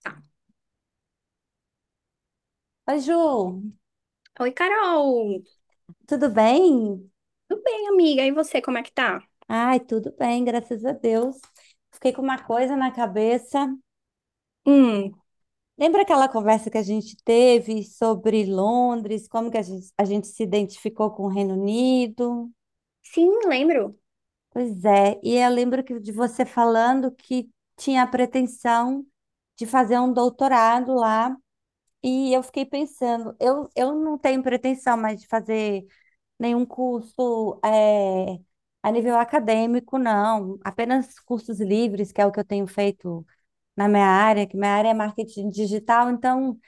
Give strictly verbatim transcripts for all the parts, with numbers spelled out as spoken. Tá. Oi, Ju, Oi, Carol. tudo bem? Tudo bem, amiga? E você, como é que tá? Ai, tudo bem, graças a Deus. Fiquei com uma coisa na cabeça. Hum, Lembra aquela conversa que a gente teve sobre Londres, como que a gente, a gente se identificou com o Reino Unido? sim, lembro. Pois é, e eu lembro que de você falando que tinha a pretensão de fazer um doutorado lá, e eu fiquei pensando, eu, eu não tenho pretensão mais de fazer nenhum curso é, a nível acadêmico, não. Apenas cursos livres, que é o que eu tenho feito na minha área, que minha área é marketing digital, então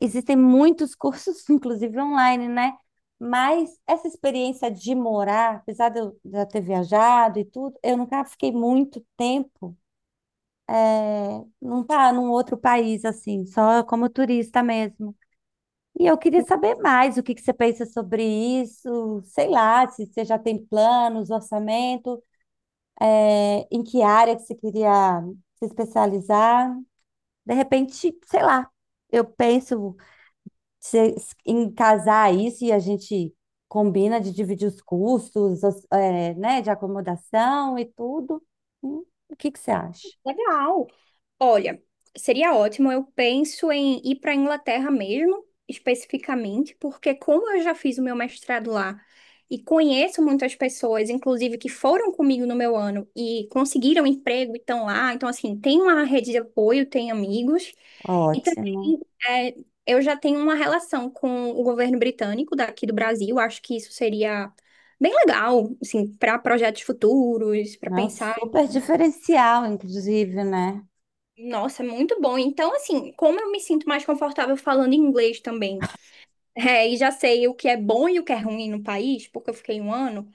existem muitos cursos, inclusive online, né? Mas essa experiência de morar, apesar de eu já ter viajado e tudo, eu nunca fiquei muito tempo, não tá num outro país assim, só como turista mesmo. E eu queria saber mais o que que você pensa sobre isso, sei lá, se você já tem planos, orçamento, é, em que área que você queria se especializar. De repente, sei lá, eu penso se- em casar isso e a gente combina de dividir os custos, os- é, né, de acomodação e tudo. Hum, O que que você acha? Legal. Olha, seria ótimo. Eu penso em ir para a Inglaterra mesmo, especificamente, porque como eu já fiz o meu mestrado lá e conheço muitas pessoas, inclusive que foram comigo no meu ano e conseguiram emprego e estão lá, então assim, tem uma rede de apoio, tem amigos. E Ótimo. também é, eu já tenho uma relação com o governo britânico daqui do Brasil. Acho que isso seria bem legal, assim, para projetos futuros, É para um pensar. super diferencial, inclusive, né? Nossa, é muito bom. Então, assim, como eu me sinto mais confortável falando inglês também, é, e já sei o que é bom e o que é ruim no país, porque eu fiquei um ano,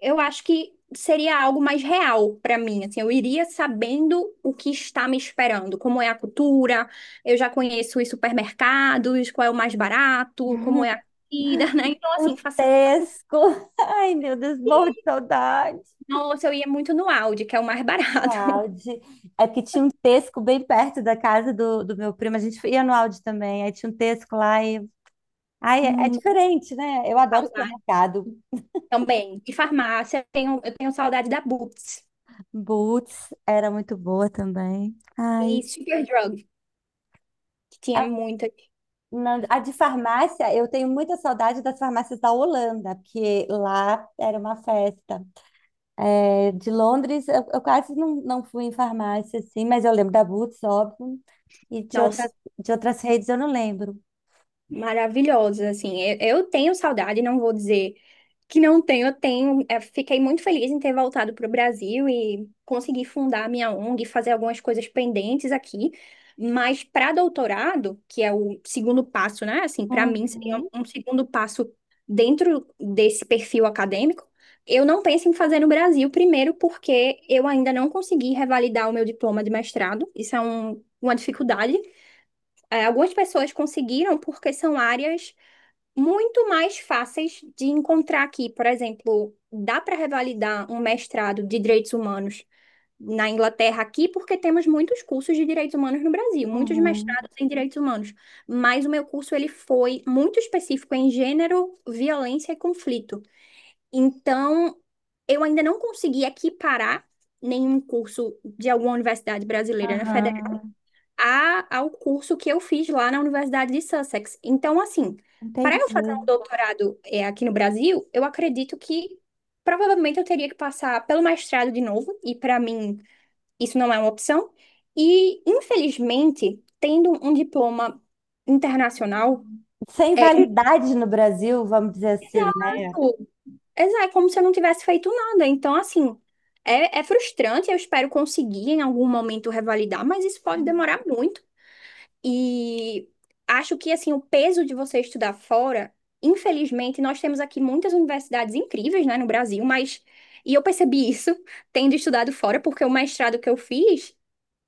eu acho que seria algo mais real para mim. Assim, eu iria sabendo o que está me esperando, como é a cultura, eu já conheço os supermercados, qual é o mais barato, como é a comida, né? Então, O assim, facilita. Tesco. Ai, meu Deus, morro de saudade. Nossa, eu ia muito no Aldi, que é o mais No barato. Audi. É porque tinha um Tesco bem perto da casa do, do meu primo. A gente ia no Audi também. Aí tinha um Tesco lá e. Ai, é, é Hum, diferente, né? Eu adoro saudade supermercado. também. E farmácia, eu tenho, eu tenho saudade da Boots. Boots era muito boa também. E Ai. Superdrug, que tinha A, muita. não, a de farmácia, eu tenho muita saudade das farmácias da Holanda, porque lá era uma festa. É, de Londres, eu, eu quase não, não fui em farmácia, assim, mas eu lembro da Boots, óbvio. E de outras, Nossa, de outras redes eu não lembro. maravilhosas, assim. Eu, eu tenho saudade, não vou dizer que não tenho, eu tenho. É, fiquei muito feliz em ter voltado para o Brasil e conseguir fundar a minha O N G, fazer algumas coisas pendentes aqui. Mas para doutorado, que é o segundo passo, né? Assim, para mim seria Uhum, um segundo passo dentro desse perfil acadêmico. Eu não penso em fazer no Brasil, primeiro porque eu ainda não consegui revalidar o meu diploma de mestrado. Isso é um- uma dificuldade, é, algumas pessoas conseguiram porque são áreas muito mais fáceis de encontrar aqui. Por exemplo, dá para revalidar um mestrado de direitos humanos na Inglaterra aqui, porque temos muitos cursos de direitos humanos no Brasil, muitos uhum. mestrados em direitos humanos. Mas o meu curso ele foi muito específico em gênero, violência e conflito. Então, eu ainda não consegui equiparar nenhum curso de alguma universidade brasileira, né, federal Aham. a- ao curso que eu fiz lá na Universidade de Sussex. Então, assim, para eu fazer um Entendi. doutorado, é, aqui no Brasil, eu acredito que provavelmente eu teria que passar pelo mestrado de novo, e para mim isso não é uma opção. E, infelizmente, tendo um diploma internacional, Sem é, validade no Brasil, vamos dizer assim, né? exato, exato, é como se eu não tivesse feito nada. Então, assim. É, é frustrante, eu espero conseguir em algum momento revalidar, mas isso pode Uhum, demorar muito. E acho que assim o peso de você estudar fora, infelizmente, nós temos aqui muitas universidades incríveis, né, no Brasil, mas e eu percebi isso tendo estudado fora, porque o mestrado que eu fiz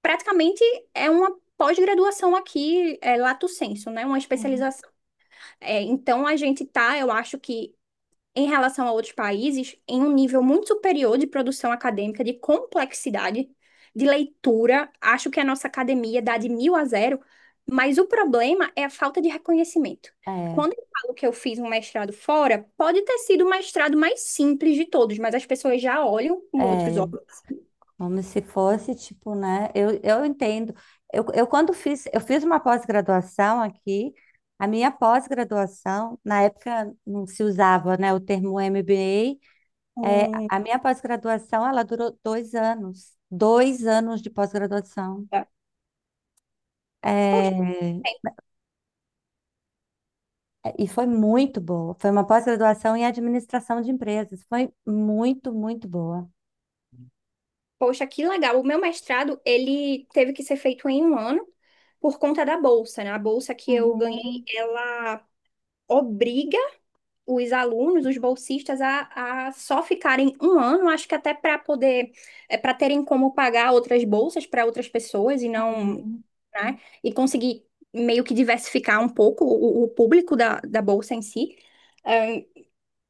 praticamente é uma pós-graduação aqui, é, lato sensu, né, uma uhum. especialização. É, então a gente tá, eu acho que em relação a outros países, em um nível muito superior de produção acadêmica, de complexidade, de leitura. Acho que a nossa academia dá de mil a zero, mas o problema é a falta de reconhecimento. É, Quando eu falo que eu fiz um mestrado fora, pode ter sido o mestrado mais simples de todos, mas as pessoas já olham com outros é, olhos. como se fosse, tipo, né? Eu, eu entendo. Eu, eu quando fiz, eu fiz uma pós-graduação aqui, a minha pós-graduação, na época não se usava, né, o termo M B A, é, Hum, a minha pós-graduação, ela durou dois anos, dois anos de pós-graduação. tá. É, Poxa, é, tem. e foi muito boa. Foi uma pós-graduação em administração de empresas. Foi muito, muito boa. Poxa, que legal. O meu mestrado, ele teve que ser feito em um ano por conta da bolsa, né? A bolsa que eu ganhei, Uhum, ela obriga os alunos, os bolsistas, a, a só ficarem um ano, acho que até para poder, é, para terem como pagar outras bolsas para outras pessoas e não, uhum. né, e conseguir meio que diversificar um pouco o, o público da, da bolsa em si. É,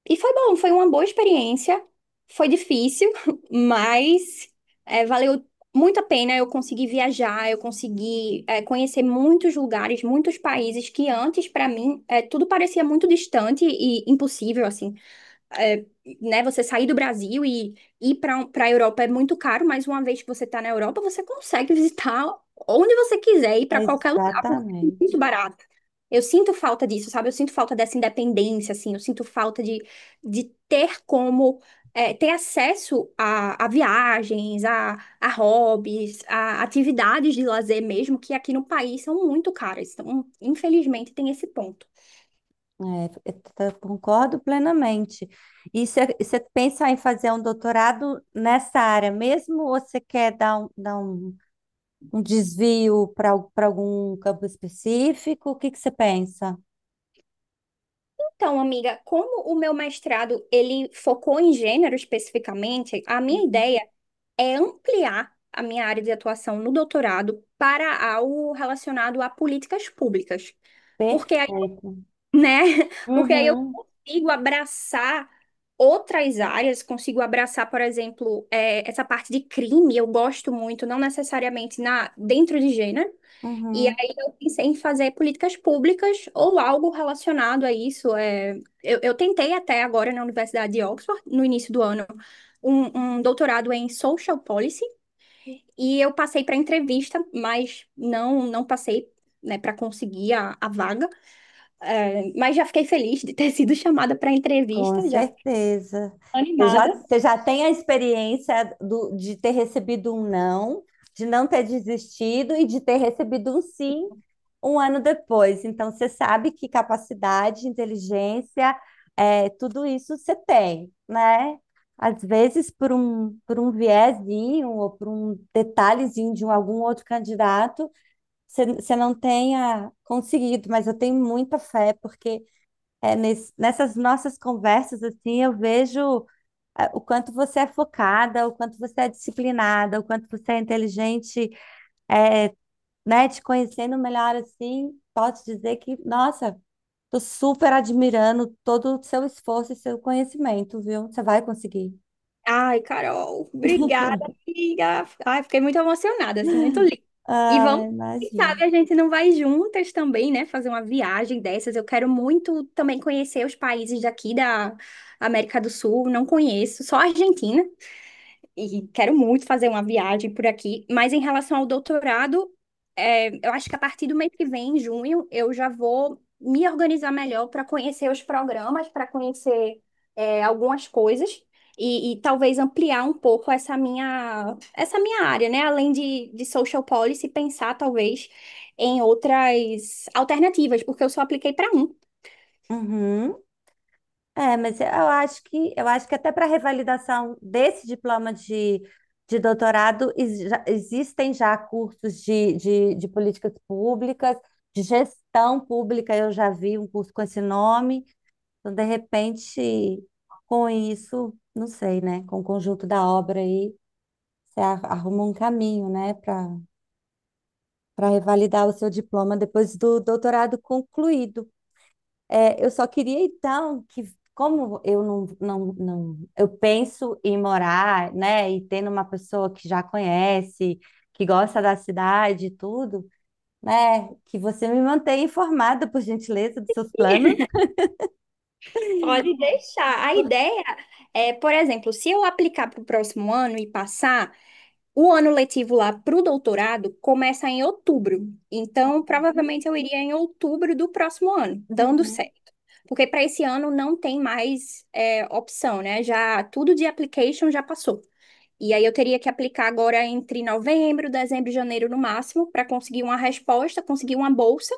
e foi bom, foi uma boa experiência, foi difícil, mas é, valeu muito a pena. Eu consegui viajar, eu consegui, é, conhecer muitos lugares, muitos países que antes, para mim, é, tudo parecia muito distante e impossível, assim, é, né, você sair do Brasil e ir para para a Europa é muito caro, mas uma vez que você está na Europa, você consegue visitar onde você quiser, ir para qualquer lugar, porque é muito Exatamente. barato. Eu sinto falta disso, sabe? Eu sinto falta dessa independência, assim, eu sinto falta de, de ter como. É, ter acesso a, a viagens, a, a hobbies, a atividades de lazer mesmo, que aqui no país são muito caras. Então, infelizmente, tem esse ponto. É, eu t- concordo plenamente. E você pensa em fazer um doutorado nessa área mesmo, ou você quer dar um, dar um, um desvio para para algum campo específico? O que que você pensa? Então, amiga, como o meu mestrado ele focou em gênero especificamente, a minha ideia é ampliar a minha área de atuação no doutorado para algo relacionado a políticas públicas. Porque aí, Perfeito. né? Porque aí eu Uhum. consigo abraçar outras áreas, consigo abraçar, por exemplo, eh, essa parte de crime, eu gosto muito, não necessariamente na dentro de gênero, e Uhum. aí eu pensei em fazer políticas públicas ou algo relacionado a isso. É, eu, eu tentei até agora na Universidade de Oxford, no início do ano, um, um doutorado em Social Policy, e eu passei para entrevista, mas não, não passei, né, para conseguir a, a vaga. É, mas já fiquei feliz de ter sido chamada para Com entrevista, já fiquei certeza. Você já, animada. você já tem a experiência do- de ter recebido um não, de não ter desistido e de ter recebido um sim um ano depois. Então, você sabe que capacidade, inteligência, é, tudo isso você tem, né? Às vezes, por um, por um viezinho ou por um detalhezinho de um- algum outro candidato, você, você não tenha conseguido, mas eu tenho muita fé, porque. É, nes- nessas nossas conversas, assim, eu vejo é, o quanto você é focada, o quanto você é disciplinada, o quanto você é inteligente, é, né? Te conhecendo melhor, assim, posso dizer que, nossa, tô super admirando todo o seu esforço e seu conhecimento, viu? Você vai conseguir. Ai, Carol, obrigada, amiga. Ai, fiquei muito emocionada, assim, muito linda. E Ah, vamos, quem imagino. sabe a gente não vai juntas também, né? Fazer uma viagem dessas. Eu quero muito também conhecer os países daqui da América do Sul. Não conheço, só a Argentina, e quero muito fazer uma viagem por aqui, mas em relação ao doutorado, é, eu acho que a partir do mês que vem, em junho, eu já vou me organizar melhor para conhecer os programas, para conhecer, é, algumas coisas e, e talvez ampliar um pouco essa minha essa minha área, né? Além de, de social policy, pensar talvez em outras alternativas, porque eu só apliquei para um. Uhum. É, mas eu acho que eu acho que até para revalidação desse diploma de, de doutorado ex- já- existem já cursos de, de, de políticas públicas, de gestão pública, eu já vi um curso com esse nome, então de repente com isso, não sei, né? Com o conjunto da obra aí, você ar- arruma um caminho, né, para para revalidar o seu diploma depois do doutorado concluído. É, eu só queria então que, como eu não, não, não, eu penso em morar, né, e tendo uma pessoa que já conhece, que gosta da cidade e tudo, né, que você me mantenha informada, por gentileza, dos seus planos. Pode deixar. A ideia é, por exemplo, se eu aplicar para o próximo ano e passar. O ano letivo lá para o doutorado começa em outubro, então provavelmente eu iria em outubro do próximo ano, dando Uhum. certo. Porque para esse ano não tem mais, é, opção, né? Já tudo de application já passou. E aí eu teria que aplicar agora entre novembro, dezembro e janeiro no máximo para conseguir uma resposta, conseguir uma bolsa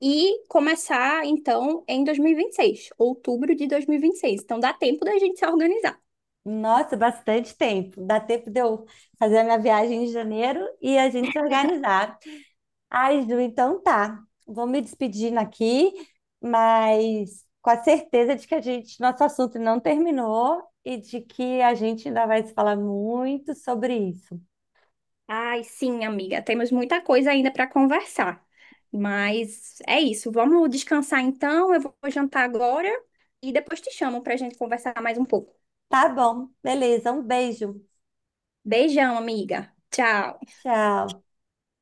e começar então em dois mil e vinte e seis, outubro de dois mil e vinte e seis. Então dá tempo da gente se organizar. Nossa, bastante tempo. Dá tempo de eu fazer a minha viagem em janeiro e a gente se organizar. Ai, Ju, então tá. Vou me despedindo aqui, mas com a certeza de que a gente, nosso assunto não terminou e de que a gente ainda vai se falar muito sobre isso. Ai, sim, amiga, temos muita coisa ainda para conversar. Mas é isso, vamos descansar então. Eu vou jantar agora e depois te chamo para a gente conversar mais um pouco. Tá bom, beleza. Um beijo. Beijão, amiga. Tchau. Tchau.